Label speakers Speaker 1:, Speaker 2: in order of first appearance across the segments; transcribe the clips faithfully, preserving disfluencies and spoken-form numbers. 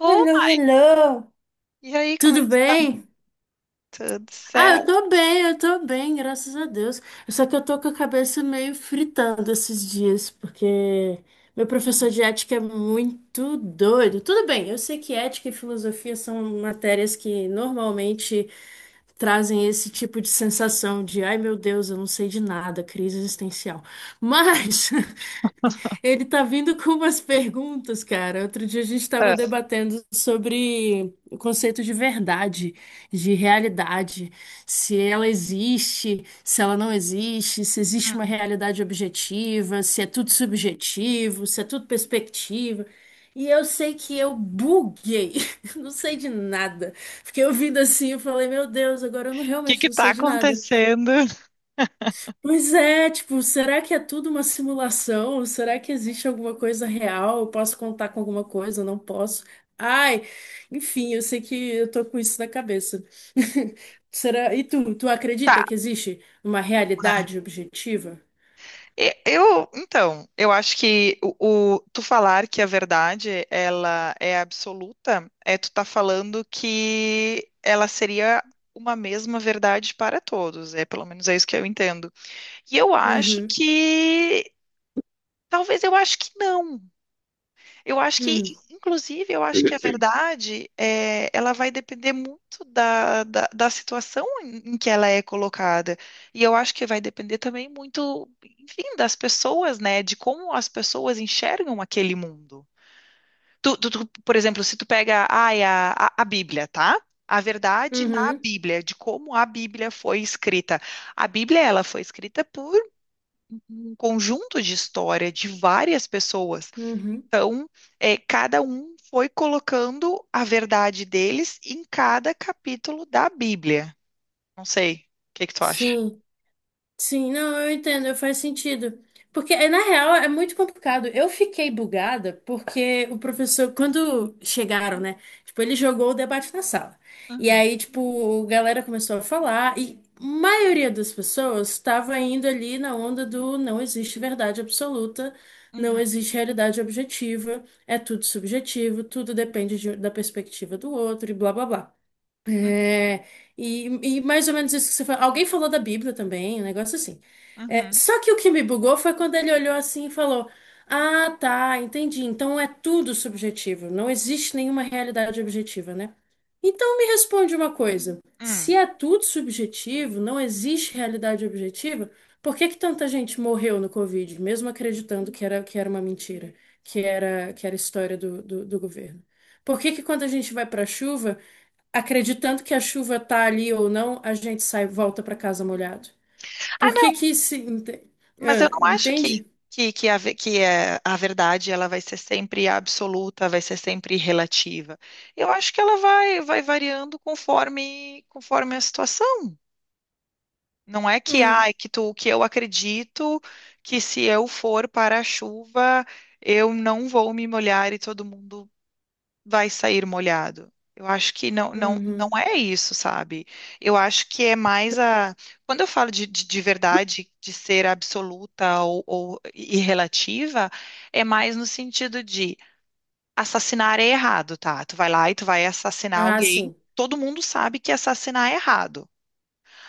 Speaker 1: Ô,
Speaker 2: Hello,
Speaker 1: Ma-
Speaker 2: hello.
Speaker 1: e aí, como é
Speaker 2: Tudo
Speaker 1: que tá?
Speaker 2: bem?
Speaker 1: Tudo
Speaker 2: Ah, eu
Speaker 1: certo?
Speaker 2: tô bem, eu tô bem, graças a Deus. Só que eu tô com a cabeça meio fritando esses dias, porque meu professor de ética é muito doido. Tudo bem, eu sei que ética e filosofia são matérias que normalmente trazem esse tipo de sensação de, ai meu Deus, eu não sei de nada, crise existencial. Mas ele tá vindo com umas perguntas, cara. Outro dia a gente
Speaker 1: Ah,
Speaker 2: estava debatendo sobre o conceito de verdade, de realidade, se ela existe, se ela não existe, se existe uma
Speaker 1: hum.
Speaker 2: realidade objetiva, se é tudo subjetivo, se é tudo perspectiva. E eu sei que eu buguei, não sei de nada. Fiquei ouvindo assim, eu falei, meu Deus, agora eu não,
Speaker 1: O que
Speaker 2: realmente
Speaker 1: que
Speaker 2: não
Speaker 1: tá
Speaker 2: sei de nada.
Speaker 1: acontecendo?
Speaker 2: Pois é, tipo, será que é tudo uma simulação? Será que existe alguma coisa real? Eu posso contar com alguma coisa? Eu não posso. Ai, enfim, eu sei que eu tô com isso na cabeça. Será? E tu, tu acredita
Speaker 1: Tá,
Speaker 2: que existe uma
Speaker 1: né?
Speaker 2: realidade objetiva?
Speaker 1: E- Eu, então, eu acho que o, o- tu falar que a verdade, ela é absoluta, é tu tá falando que ela seria uma mesma verdade para todos, é pelo menos é isso que eu entendo. E eu acho
Speaker 2: Uhum,
Speaker 1: que talvez eu acho que não. Eu acho que,
Speaker 2: hum,
Speaker 1: inclusive, eu acho que a verdade é, ela vai depender muito da, da, da situação em em que ela é colocada. E eu acho que vai depender também muito, enfim, das pessoas, né? De como as pessoas enxergam aquele mundo. Tu, tu- tu, por exemplo, se tu pega, ai, a, a, a Bíblia, tá? A verdade na
Speaker 2: uhum,
Speaker 1: Bíblia, de como a Bíblia foi escrita. A Bíblia, ela foi escrita por um conjunto de história de várias pessoas.
Speaker 2: uhum.
Speaker 1: Então, é, cada um foi colocando a verdade deles em cada capítulo da Bíblia. Não sei, o que que tu acha?
Speaker 2: Sim. Sim, não, eu entendo, faz sentido. Porque, eh, na real, é muito complicado. Eu fiquei bugada porque o professor, quando chegaram, né? Tipo, ele jogou o debate na sala. E
Speaker 1: Uhum,
Speaker 2: aí, tipo, a galera começou a falar e a maioria das pessoas estava indo ali na onda do não existe verdade absoluta, não
Speaker 1: uhum,
Speaker 2: existe realidade objetiva, é tudo subjetivo, tudo depende de- da perspectiva do outro e blá, blá, blá.
Speaker 1: uhum,
Speaker 2: É, e, e mais ou menos isso que você falou. Alguém falou da Bíblia também, um negócio assim. É,
Speaker 1: uhum,
Speaker 2: só que o que me bugou foi quando ele olhou assim e falou: Ah, tá, entendi. Então é tudo subjetivo. Não existe nenhuma realidade objetiva, né? Então me responde uma coisa: se
Speaker 1: uhum.
Speaker 2: é tudo subjetivo, não existe realidade objetiva, por que que tanta gente morreu no Covid, mesmo acreditando que era, que era uma mentira, que era, que era história do, do do governo? Por que que quando a gente vai para a chuva acreditando que a chuva tá ali ou não, a gente sai, volta para casa molhado.
Speaker 1: Ah,
Speaker 2: Por que
Speaker 1: não,
Speaker 2: que se ente-
Speaker 1: mas eu
Speaker 2: ah,
Speaker 1: não acho que,
Speaker 2: entende?
Speaker 1: que, que, a, ve- que é, a verdade ela vai ser sempre absoluta, vai ser sempre relativa. Eu acho que ela vai, vai variando conforme, conforme a situação. Não é que ah,
Speaker 2: Hum,
Speaker 1: é que tu que eu acredito que se eu for para a chuva, eu não vou me molhar e todo mundo vai sair molhado. Eu acho que não, não, não
Speaker 2: uhum.
Speaker 1: é isso, sabe? Eu acho que é mais a. Quando eu falo de, de, de verdade, de ser absoluta ou, ou e relativa, é mais no sentido de assassinar é errado, tá? Tu vai lá e tu vai assassinar
Speaker 2: Ah,
Speaker 1: alguém,
Speaker 2: sim.
Speaker 1: todo mundo sabe que assassinar é errado.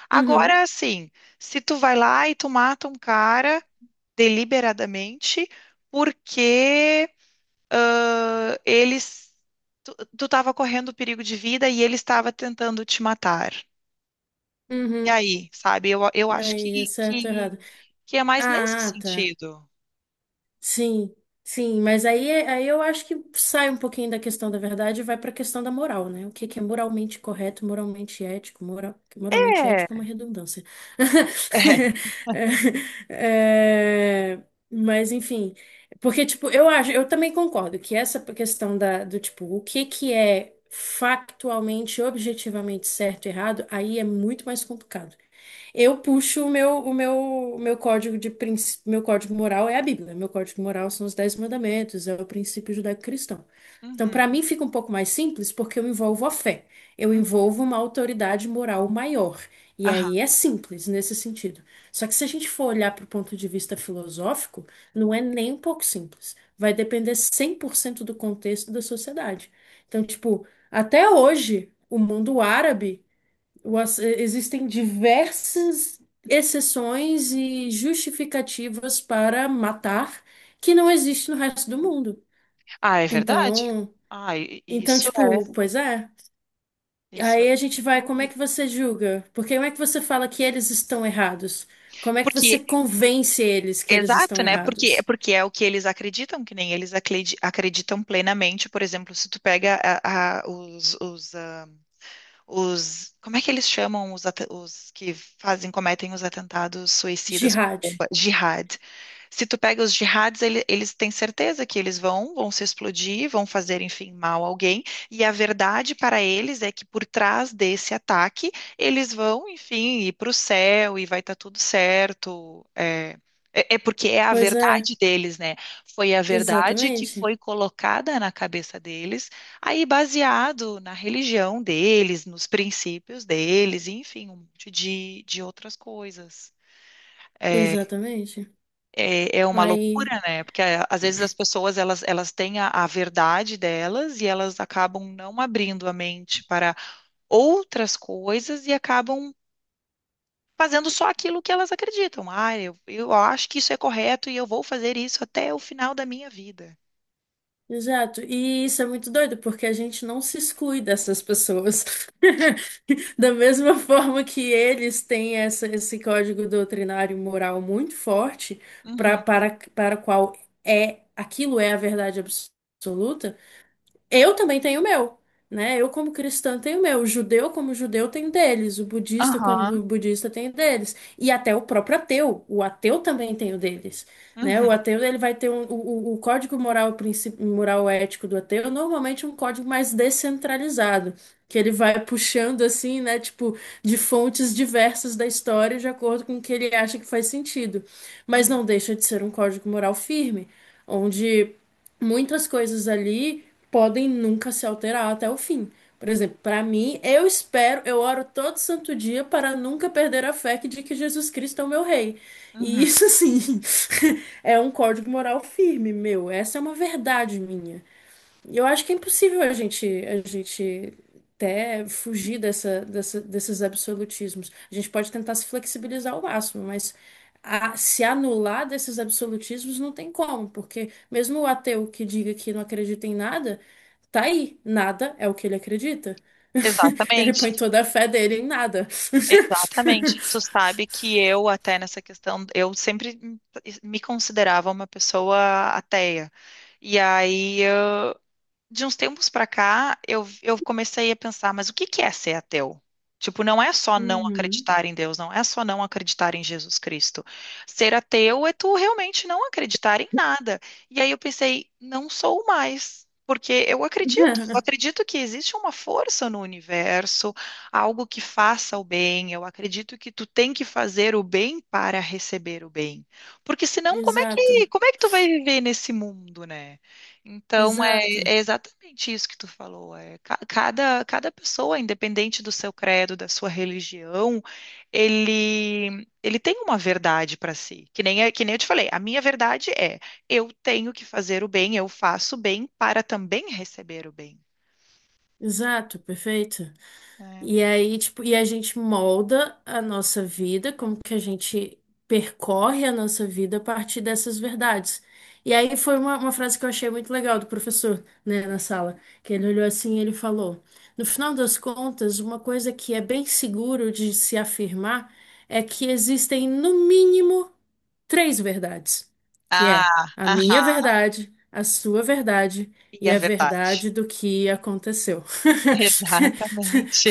Speaker 1: Agora,
Speaker 2: Uhum,
Speaker 1: assim, se tu vai lá e tu mata um cara deliberadamente porque ah, eles tu, tu tava correndo perigo de vida e ele estava tentando te matar. E
Speaker 2: uhum.
Speaker 1: aí, sabe? Eu, eu acho
Speaker 2: Aí, é
Speaker 1: que,
Speaker 2: certo, ou
Speaker 1: que,
Speaker 2: errado.
Speaker 1: que é mais nesse
Speaker 2: Ah, tá.
Speaker 1: sentido.
Speaker 2: Sim, sim, mas aí, é, aí eu acho que sai um pouquinho da questão da verdade e vai para a questão da moral, né? O que que é moralmente correto, moralmente ético, moral, moralmente
Speaker 1: É. É.
Speaker 2: ético é uma redundância. É, é, mas enfim, porque tipo, eu acho, eu também concordo que essa questão da, do tipo, o que que é factualmente, objetivamente certo e errado, aí é muito mais complicado. Eu puxo o meu, o meu, o meu código de princ- meu código moral é a Bíblia. Meu código moral são os Dez Mandamentos, é o princípio judaico-cristão. Então,
Speaker 1: Uhum,
Speaker 2: para mim fica um pouco mais simples porque eu envolvo a fé. Eu
Speaker 1: uhum.
Speaker 2: envolvo uma autoridade moral maior. E
Speaker 1: Aham.
Speaker 2: aí é simples nesse sentido. Só que se a gente for olhar para o ponto de vista filosófico, não é nem um pouco simples. Vai depender cem por cento do contexto da sociedade. Então, tipo, até hoje, o mundo árabe, o ass- eh, existem diversas exceções e justificativas para matar que não existe no resto do mundo.
Speaker 1: Ah, é verdade?
Speaker 2: Então,
Speaker 1: Ah, i- i-
Speaker 2: então,
Speaker 1: isso é,
Speaker 2: tipo, pois é.
Speaker 1: isso é
Speaker 2: Aí a gente
Speaker 1: é
Speaker 2: vai, como é
Speaker 1: horrível.
Speaker 2: que você julga? Porque como é que você fala que eles estão errados? Como é que você
Speaker 1: Porque
Speaker 2: convence eles que eles estão
Speaker 1: Exato, né? Porque,
Speaker 2: errados?
Speaker 1: porque é o que eles acreditam, que nem eles acredi- acreditam plenamente. Por exemplo, se tu pega a- a- os, os, ah, os, como é que eles chamam os, ata- os que fazem, cometem os atentados suicidas com
Speaker 2: Jihad.
Speaker 1: bomba? Jihad. Se tu pega os jihads, ele- eles têm certeza que eles vão, vão se explodir, vão fazer, enfim, mal a alguém. E a verdade para eles é que por trás desse ataque, eles vão, enfim, ir para o céu e vai estar tudo certo. É, é é porque é a
Speaker 2: Pois é,
Speaker 1: verdade deles, né? Foi a verdade que
Speaker 2: exatamente.
Speaker 1: foi colocada na cabeça deles. Aí, baseado na religião deles, nos princípios deles, enfim, um monte de, de outras coisas. É,
Speaker 2: Exatamente.
Speaker 1: é, é uma
Speaker 2: Aí.
Speaker 1: loucura, né? Porque é, às vezes as pessoas elas, elas têm a, a verdade delas e elas acabam não abrindo a mente para outras coisas e acabam fazendo só aquilo que elas acreditam. Ah, eu, eu acho que isso é correto e eu vou fazer isso até o final da minha vida.
Speaker 2: Exato, e isso é muito doido, porque a gente não se exclui dessas pessoas. Da mesma forma que eles têm essa, esse código doutrinário moral muito forte, pra,
Speaker 1: Uhum.
Speaker 2: para, para o qual é aquilo é a verdade absoluta, eu também tenho o meu, né? Eu, como cristã, tenho o meu. O judeu, como judeu, tem o deles. O budista, como
Speaker 1: Aham.
Speaker 2: bu- budista, tem o deles. E até o próprio ateu. O ateu também tem o deles, né? O
Speaker 1: Uhum.
Speaker 2: ateu, ele vai ter um, o, o o código moral, princi- moral ético do ateu, normalmente é um código mais descentralizado, que ele
Speaker 1: Uhum.
Speaker 2: vai puxando, assim, né? Tipo, de fontes diversas da história, de acordo com o que ele acha que faz sentido. Mas
Speaker 1: Uhum.
Speaker 2: não deixa de ser um código moral firme, onde muitas coisas ali podem nunca se alterar até o fim. Por exemplo, para mim, eu espero, eu oro todo santo dia para nunca perder a fé que- de que Jesus Cristo é o meu rei. E
Speaker 1: Uhum.
Speaker 2: isso, assim, é um código moral firme, meu. Essa é uma verdade minha. Eu acho que é impossível a gente a gente até fugir dessa, dessa- desses absolutismos. A gente pode tentar se flexibilizar ao máximo, mas a- se anular desses absolutismos não tem como, porque mesmo o ateu que diga que não acredita em nada, tá aí, nada é o que ele acredita. Ele põe
Speaker 1: Exatamente.
Speaker 2: toda a fé dele em nada.
Speaker 1: Exatamente. Tu sabe que eu, até nessa questão, eu sempre me me considerava uma pessoa ateia. E aí de uns tempos pra cá, eu, eu comecei a pensar, mas o que que é ser ateu? Tipo, não é só não
Speaker 2: Uhum.
Speaker 1: acreditar em Deus, não é só não acreditar em Jesus Cristo. Ser ateu é tu realmente não acreditar em nada. E aí eu pensei, não sou mais, porque eu acredito, eu acredito que existe uma força no universo, algo que faça o bem. Eu acredito que tu tem que fazer o bem para receber o bem. Porque senão, como é
Speaker 2: Exato,
Speaker 1: que, como é que tu vai viver nesse mundo, né? Então,
Speaker 2: exato,
Speaker 1: é exatamente isso que tu falou. É, ca- cada, cada pessoa, independente do seu credo, da sua religião, ele, ele tem uma verdade para si. Que nem, é- que nem eu te falei, a minha verdade é eu tenho que fazer o bem, eu faço o bem para também receber o bem.
Speaker 2: exato, perfeito.
Speaker 1: Né?
Speaker 2: E aí, tipo, e a gente molda a nossa vida, como que a gente percorre a nossa vida a partir dessas verdades. E aí foi uma, uma frase que eu achei muito legal do professor, né, na sala, que ele olhou assim e ele falou: No final das contas, uma coisa que é bem seguro de se afirmar é que existem, no mínimo, três verdades, que é
Speaker 1: Ah,
Speaker 2: a minha
Speaker 1: aham,
Speaker 2: verdade, a sua verdade
Speaker 1: e
Speaker 2: e
Speaker 1: é
Speaker 2: a
Speaker 1: verdade.
Speaker 2: verdade do que aconteceu.
Speaker 1: Exatamente.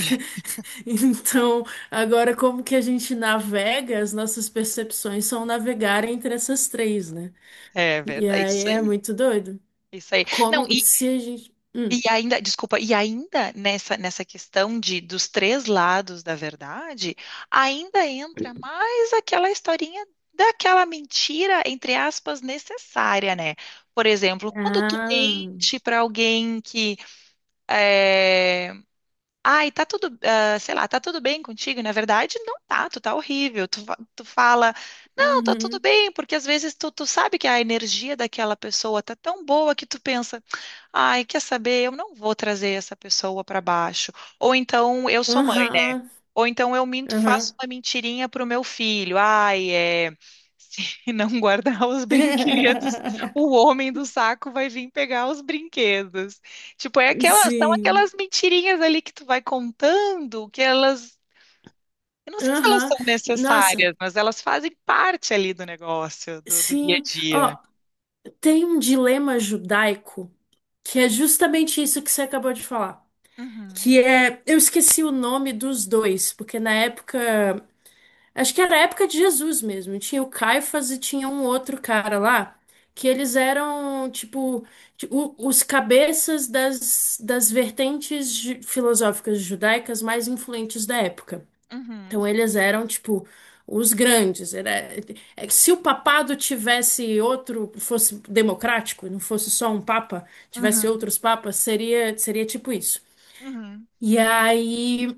Speaker 2: Então, agora como que a gente navega, as nossas percepções são navegar entre essas três, né?
Speaker 1: É
Speaker 2: E
Speaker 1: verdade,
Speaker 2: aí
Speaker 1: isso aí.
Speaker 2: é muito doido.
Speaker 1: Isso aí. Não,
Speaker 2: Como se a gente. Hum.
Speaker 1: e ainda, desculpa, e ainda nessa, nessa, questão de dos três lados da verdade, ainda entra mais aquela historinha daquela mentira, entre aspas, necessária, né? Por exemplo, quando tu
Speaker 2: Ah,
Speaker 1: mente para alguém que eh, ai, tá tudo, ah, sei lá, tá tudo bem contigo? E, na verdade, não tá, tu tá horrível. Tu, fa- tu fala, não, tá tudo
Speaker 2: uhum,
Speaker 1: bem, porque às vezes tu, tu sabe que a energia daquela pessoa tá tão boa que tu pensa, ai, quer saber, eu não vou trazer essa pessoa pra baixo. Ou então, eu sou mãe, né?
Speaker 2: aham,
Speaker 1: Ou então eu minto, faço
Speaker 2: aham.
Speaker 1: uma mentirinha pro meu filho. Ai, é. Se não guardar os brinquedos, o homem do saco vai vir pegar os brinquedos. Tipo, é aquelas, são
Speaker 2: Sim,
Speaker 1: aquelas mentirinhas ali que tu vai contando, que elas, eu não sei se elas
Speaker 2: aham.
Speaker 1: são
Speaker 2: Nossa.
Speaker 1: necessárias, mas elas fazem parte ali do negócio, do, do dia a
Speaker 2: Sim,
Speaker 1: dia.
Speaker 2: ó, tem um dilema judaico que é justamente isso que você acabou de falar.
Speaker 1: Uhum,
Speaker 2: Que é, eu esqueci o nome dos dois, porque na época, acho que era a época de Jesus mesmo. Tinha o Caifás e tinha um outro cara lá, que eles eram, tipo, ti- o- os cabeças das, das vertentes ju- filosóficas judaicas mais influentes da época.
Speaker 1: uhum,
Speaker 2: Então eles eram tipo os grandes. Era, é que se o papado tivesse outro, fosse democrático, não fosse só um papa, tivesse
Speaker 1: uhum,
Speaker 2: outros papas, seria seria tipo isso.
Speaker 1: uhum,
Speaker 2: E aí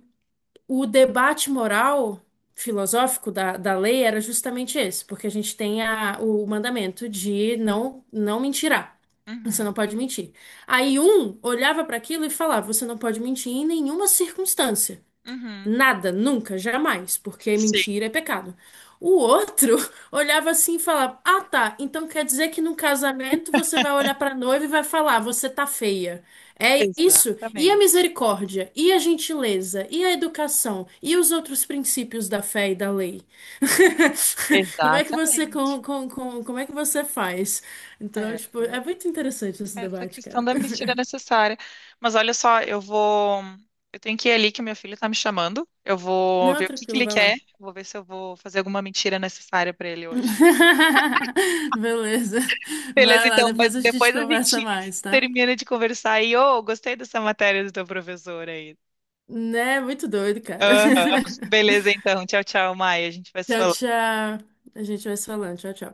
Speaker 2: o debate moral filosófico da, da lei era justamente esse, porque a gente tem a, o mandamento de não não mentirá. Você
Speaker 1: uhum,
Speaker 2: não pode mentir. Aí um olhava para aquilo e falava: você não pode mentir em nenhuma circunstância.
Speaker 1: uhum.
Speaker 2: Nada, nunca, jamais, porque
Speaker 1: Sim,
Speaker 2: mentira é pecado. O outro olhava assim e falava: Ah, tá, então quer dizer que num casamento você vai olhar pra noiva e vai falar: Você tá feia. É isso? E a
Speaker 1: exatamente.
Speaker 2: misericórdia? E a gentileza? E a educação? E os outros princípios da fé e da lei? Como é que você,
Speaker 1: Exatamente.
Speaker 2: com, com, com, como é que você faz? Então,
Speaker 1: É.
Speaker 2: tipo, é muito interessante esse
Speaker 1: Essa
Speaker 2: debate,
Speaker 1: questão
Speaker 2: cara.
Speaker 1: da mentira é necessária. Mas olha só, eu vou. Eu tenho que ir ali que meu filho tá me chamando. Eu vou
Speaker 2: Não,
Speaker 1: ver o que que
Speaker 2: tranquilo,
Speaker 1: ele
Speaker 2: vai
Speaker 1: quer.
Speaker 2: lá.
Speaker 1: Vou ver se eu vou fazer alguma mentira necessária pra ele hoje.
Speaker 2: Beleza.
Speaker 1: Beleza,
Speaker 2: Vai lá,
Speaker 1: então, mas
Speaker 2: depois a gente
Speaker 1: depois a
Speaker 2: conversa
Speaker 1: gente
Speaker 2: mais, tá?
Speaker 1: termina de conversar e, ô, gostei dessa matéria do teu professor aí.
Speaker 2: Né? Muito doido, cara.
Speaker 1: Aham. Beleza, então. Tchau, tchau, Maia. A gente vai se
Speaker 2: Tchau,
Speaker 1: falando.
Speaker 2: tchau. A gente vai se falando. Tchau, tchau.